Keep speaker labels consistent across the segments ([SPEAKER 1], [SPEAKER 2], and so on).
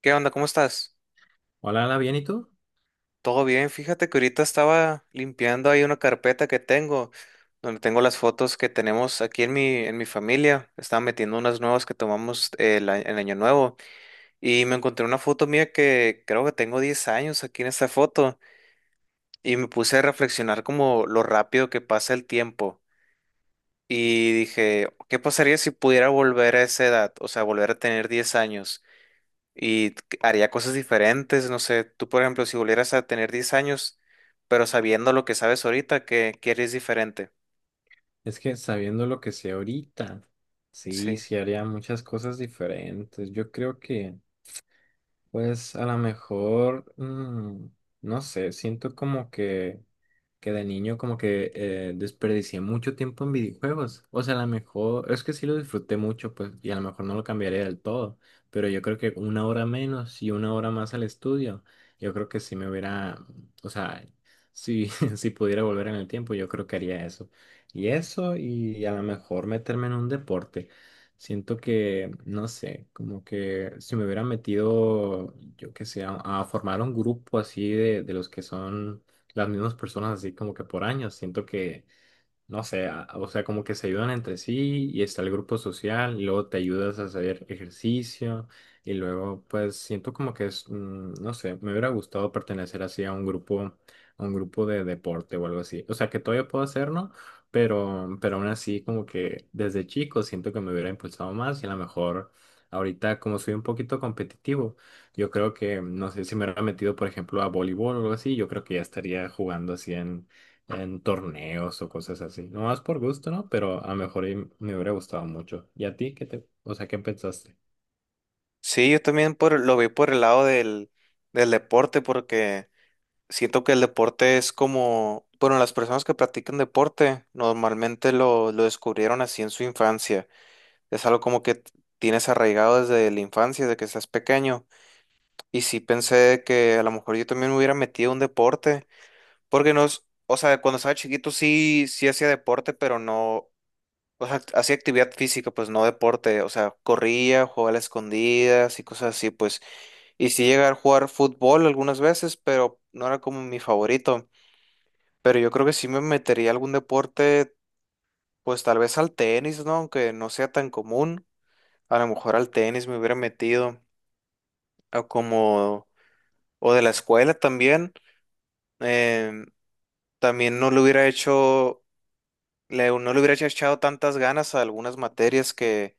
[SPEAKER 1] ¿Qué onda? ¿Cómo estás?
[SPEAKER 2] Hola, Ana, ¿bien y tú?
[SPEAKER 1] Todo bien, fíjate que ahorita estaba limpiando ahí una carpeta que tengo, donde tengo las fotos que tenemos aquí en mi familia. Estaba metiendo unas nuevas que tomamos el año nuevo y me encontré una foto mía que creo que tengo 10 años aquí en esta foto y me puse a reflexionar como lo rápido que pasa el tiempo y dije, ¿qué pasaría si pudiera volver a esa edad? O sea, volver a tener 10 años. Haría cosas diferentes. No sé, tú, por ejemplo, si volvieras a tener 10 años, pero sabiendo lo que sabes ahorita, ¿qué quieres diferente?
[SPEAKER 2] Es que sabiendo lo que sé ahorita, sí,
[SPEAKER 1] Sí.
[SPEAKER 2] sí haría muchas cosas diferentes. Yo creo que, pues, a lo mejor, no sé, siento como que de niño como que desperdicié mucho tiempo en videojuegos. O sea, a lo mejor, es que sí lo disfruté mucho, pues, y a lo mejor no lo cambiaría del todo, pero yo creo que una hora menos y una hora más al estudio, yo creo que sí me hubiera, o sea, si, si pudiera volver en el tiempo, yo creo que haría eso. Y eso, y a lo mejor meterme en un deporte. Siento que, no sé, como que si me hubiera metido, yo qué sé, a, formar un grupo así de, los que son las mismas personas así como que por años. Siento que no sé, o sea, como que se ayudan entre sí y está el grupo social y luego te ayudas a hacer ejercicio y luego pues siento como que es, no sé, me hubiera gustado pertenecer así a un grupo de deporte o algo así. O sea, que todavía puedo hacerlo, pero aún así como que desde chico siento que me hubiera impulsado más y a lo mejor ahorita como soy un poquito competitivo, yo creo que, no sé, si me hubiera metido por ejemplo a voleibol o algo así, yo creo que ya estaría jugando así en torneos o cosas así. No más por gusto, ¿no? Pero a lo mejor y me hubiera gustado mucho. ¿Y a ti qué te, o sea, qué pensaste?
[SPEAKER 1] Sí, yo también por, lo veo por el lado del deporte, porque siento que el deporte es como, bueno, las personas que practican deporte normalmente lo descubrieron así en su infancia. Es algo como tienes arraigado desde la infancia, desde que estás pequeño. Y sí pensé que a lo mejor yo también me hubiera metido a un deporte. Porque nos, o sea, cuando estaba chiquito sí, sí hacía deporte, pero no, o sea, hacía actividad física, pues no deporte, o sea, corría, jugaba a las escondidas y cosas así, pues. Y sí llegué a jugar fútbol algunas veces, pero no era como mi favorito. Pero yo creo que sí me metería a algún deporte, pues tal vez al tenis, ¿no? Aunque no sea tan común, a lo mejor al tenis me hubiera metido, o como, o de la escuela también. Em, También no lo hubiera hecho, no le hubiera echado tantas ganas a algunas materias que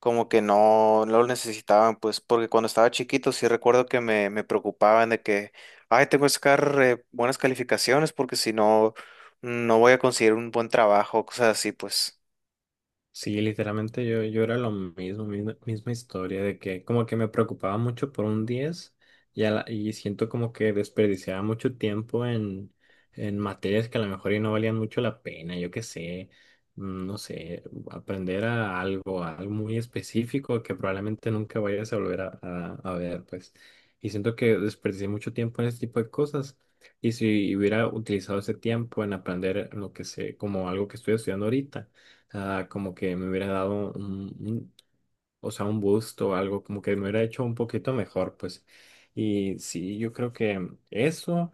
[SPEAKER 1] como que no, no lo necesitaban, pues porque cuando estaba chiquito sí recuerdo que me preocupaban de que, ay, tengo que sacar buenas calificaciones porque si no, no voy a conseguir un buen trabajo, cosas así, pues.
[SPEAKER 2] Sí, literalmente yo, yo era lo mismo, misma, misma historia, de que como que me preocupaba mucho por un 10 y, y siento como que desperdiciaba mucho tiempo en, materias que a lo mejor y no valían mucho la pena, yo qué sé, no sé, aprender a algo muy específico que probablemente nunca vayas a volver a, a ver, pues. Y siento que desperdicié mucho tiempo en ese tipo de cosas. Y si hubiera utilizado ese tiempo en aprender lo que sé, como algo que estoy estudiando ahorita sea, como que me hubiera dado un, o sea, un busto o algo, como que me hubiera hecho un poquito mejor, pues. Y sí, yo creo que eso,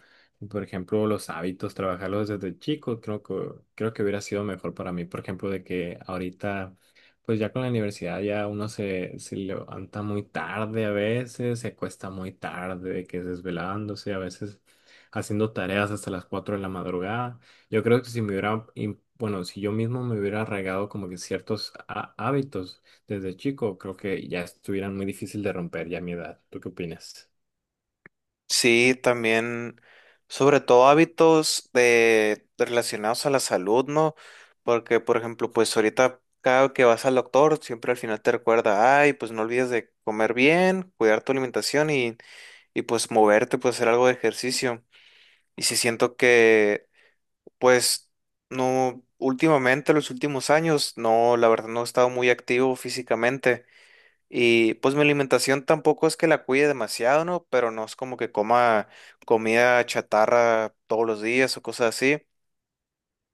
[SPEAKER 2] por ejemplo, los hábitos, trabajarlos desde chico, creo que hubiera sido mejor para mí, por ejemplo, de que ahorita, pues ya con la universidad ya uno se, se levanta muy tarde a veces, se cuesta muy tarde, de que desvelándose, a veces haciendo tareas hasta las 4 de la madrugada. Yo creo que si me hubiera, bueno, si yo mismo me hubiera arraigado como que ciertos hábitos, desde chico, creo que ya estuvieran muy difícil de romper ya a mi edad. ¿Tú qué opinas?
[SPEAKER 1] Sí, también, sobre todo hábitos de relacionados a la salud, ¿no? Porque, por ejemplo, pues ahorita cada que vas al doctor, siempre al final te recuerda, ay, pues no olvides de comer bien, cuidar tu alimentación y pues moverte, pues hacer algo de ejercicio. Y si siento que, pues, no, últimamente, los últimos años, no, la verdad no he estado muy activo físicamente. Y pues mi alimentación tampoco es que la cuide demasiado, ¿no? Pero no es como que coma comida chatarra todos los días o cosas así.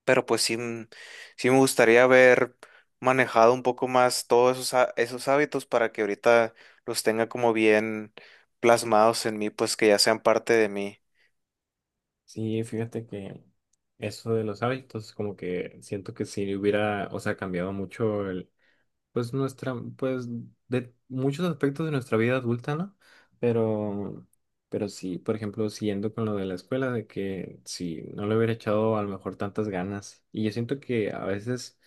[SPEAKER 1] Pero pues sí me gustaría haber manejado un poco más todos esos hábitos para que ahorita los tenga como bien plasmados en mí, pues que ya sean parte de mí.
[SPEAKER 2] Sí, fíjate que eso de los hábitos, como que siento que sí hubiera, o sea, cambiado mucho el, pues nuestra, pues de muchos aspectos de nuestra vida adulta, ¿no? Pero, pero sí, por ejemplo, siguiendo con lo de la escuela, de que si no le hubiera echado a lo mejor tantas ganas. Y yo siento que a veces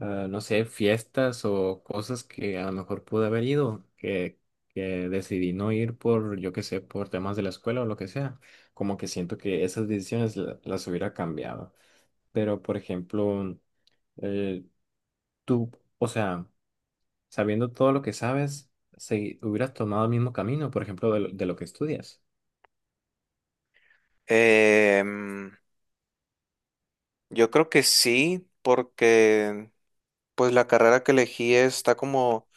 [SPEAKER 2] ah, no sé, fiestas o cosas que a lo mejor pude haber ido, que, decidí no ir por, yo qué sé, por temas de la escuela o lo que sea. Como que siento que esas decisiones las hubiera cambiado. Pero, por ejemplo, eh, tú, o sea, sabiendo todo lo que sabes, si hubieras tomado el mismo camino, por ejemplo, de, de lo que estudias.
[SPEAKER 1] Em, yo creo que sí, porque pues la carrera que elegí está como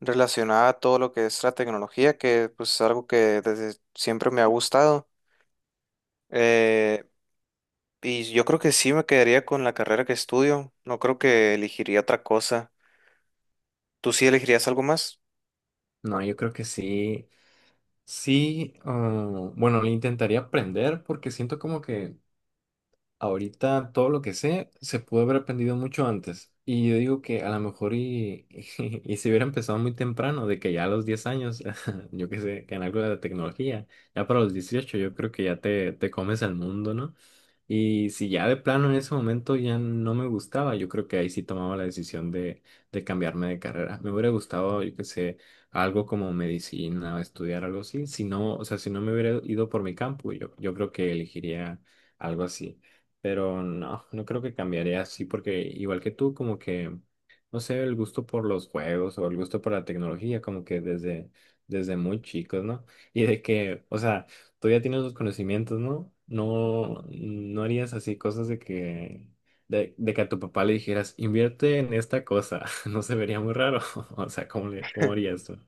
[SPEAKER 1] relacionada a todo lo que es la tecnología, que pues es algo que desde siempre me ha gustado. Eh, y yo creo que sí me quedaría con la carrera que estudio. No creo que elegiría otra cosa. ¿Tú sí elegirías algo más?
[SPEAKER 2] No, yo creo que sí, sí, ah, bueno, lo intentaría aprender porque siento como que ahorita todo lo que sé se pudo haber aprendido mucho antes. Y yo digo que a lo mejor y, y, se hubiera empezado muy temprano, de que ya a los 10 años, yo qué sé, que en algo de la tecnología, ya para los 18 yo creo que ya te, comes al mundo, ¿no? Y si ya de plano en ese momento ya no me gustaba, yo creo que ahí sí tomaba la decisión de, cambiarme de carrera. Me hubiera gustado, yo qué sé, algo como medicina, estudiar algo así. Si no, o sea, si no me hubiera ido por mi campo, yo creo que elegiría algo así. Pero no, no creo que cambiaría así porque igual que tú, como que, no sé, el gusto por los juegos o el gusto por la tecnología, como que desde, muy chicos, ¿no? Y de que, o sea, tú ya tienes los conocimientos, ¿no? No, no harías así cosas de que, de, que a tu papá le dijeras, invierte en esta cosa, no se vería muy raro, o sea, ¿cómo le, cómo harías tú?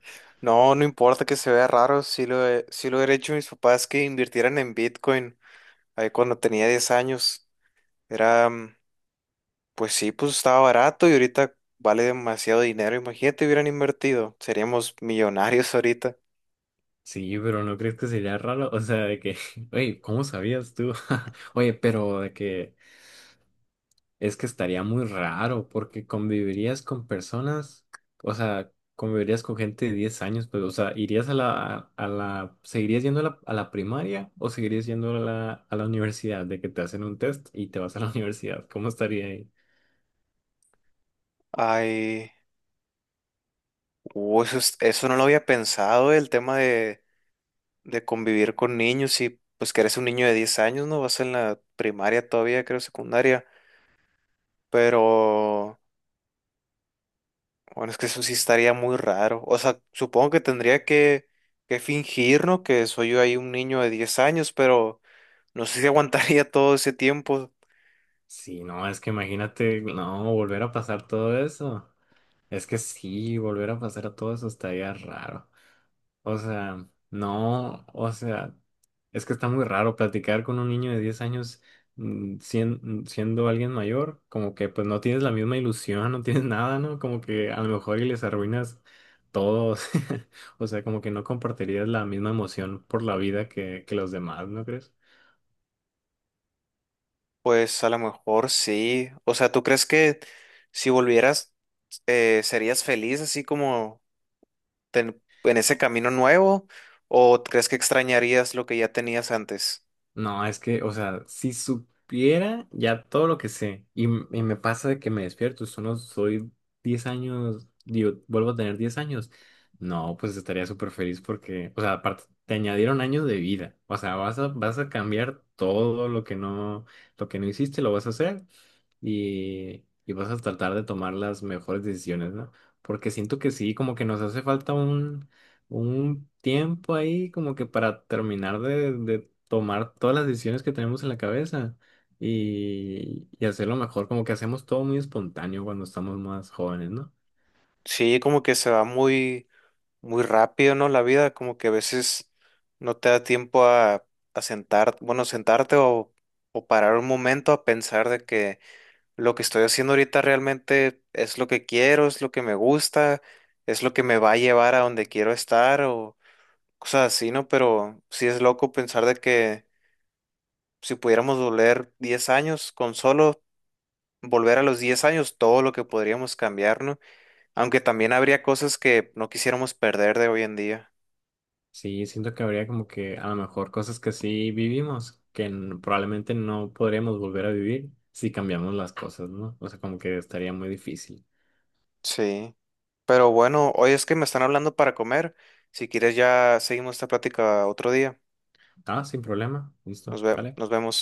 [SPEAKER 1] No, no importa que se vea raro, sí lo he hecho mis papás que invirtieran en Bitcoin ahí cuando tenía 10 años. Era pues sí, pues estaba barato y ahorita vale demasiado dinero. Imagínate, hubieran invertido. Seríamos millonarios ahorita.
[SPEAKER 2] Sí, pero ¿no crees que sería raro? O sea, de que, oye, ¿cómo sabías tú? Oye, pero de que... Es que estaría muy raro porque convivirías con personas, o sea, convivirías con gente de 10 años, pero, o sea, irías a la, ¿seguirías yendo a la, primaria o seguirías yendo a la, universidad? De que te hacen un test y te vas a la universidad. ¿Cómo estaría ahí?
[SPEAKER 1] Ay, eso, eso no lo había pensado, el tema de convivir con niños y pues que eres un niño de 10 años, ¿no? Vas en la primaria todavía, creo, secundaria. Pero, bueno, es que eso sí estaría muy raro. O sea, supongo que tendría que fingir, ¿no? Que soy yo ahí un niño de 10 años, pero no sé si aguantaría todo ese tiempo.
[SPEAKER 2] Sí, no, es que imagínate, no, volver a pasar todo eso. Es que sí, volver a pasar todo eso estaría raro. O sea, no, o sea, es que está muy raro platicar con un niño de 10 años siendo alguien mayor, como que pues no tienes la misma ilusión, no tienes nada, ¿no? Como que a lo mejor y les arruinas todo, o sea, como que no compartirías la misma emoción por la vida que, los demás, ¿no crees?
[SPEAKER 1] Pues a lo mejor sí. O sea, ¿tú crees que si volvieras serías feliz así como en ese camino nuevo? ¿O crees que extrañarías lo que ya tenías antes?
[SPEAKER 2] No, es que, o sea, si supiera ya todo lo que sé y, y me pasa de que me despierto, solo soy 10 años, digo, vuelvo a tener 10 años, no, pues estaría súper feliz porque, o sea, aparte, te añadieron años de vida, o sea, vas a, cambiar todo lo que no hiciste, lo vas a hacer y, vas a tratar de tomar las mejores decisiones, ¿no? Porque siento que sí, como que nos hace falta un, tiempo ahí, como que para terminar de, tomar todas las decisiones que tenemos en la cabeza y, hacerlo mejor, como que hacemos todo muy espontáneo cuando estamos más jóvenes, ¿no?
[SPEAKER 1] Sí, como que se va muy, muy rápido, ¿no? La vida, como que a veces no te da tiempo a sentar, bueno, sentarte o parar un momento a pensar de que lo que estoy haciendo ahorita realmente es lo que quiero, es lo que me gusta, es lo que me va a llevar a donde quiero estar o cosas así, ¿no? Pero sí es loco pensar de que si pudiéramos volver 10 años, con solo volver a los 10 años, todo lo que podríamos cambiar, ¿no? Aunque también habría cosas que no quisiéramos perder de hoy en día.
[SPEAKER 2] Sí, siento que habría como que a lo mejor cosas que sí vivimos, que probablemente no podríamos volver a vivir si cambiamos las cosas, ¿no? O sea, como que estaría muy difícil.
[SPEAKER 1] Sí. Pero bueno, hoy es que me están hablando para comer. Si quieres ya seguimos esta plática otro día.
[SPEAKER 2] Ah, sin problema, listo, sale.
[SPEAKER 1] Nos vemos.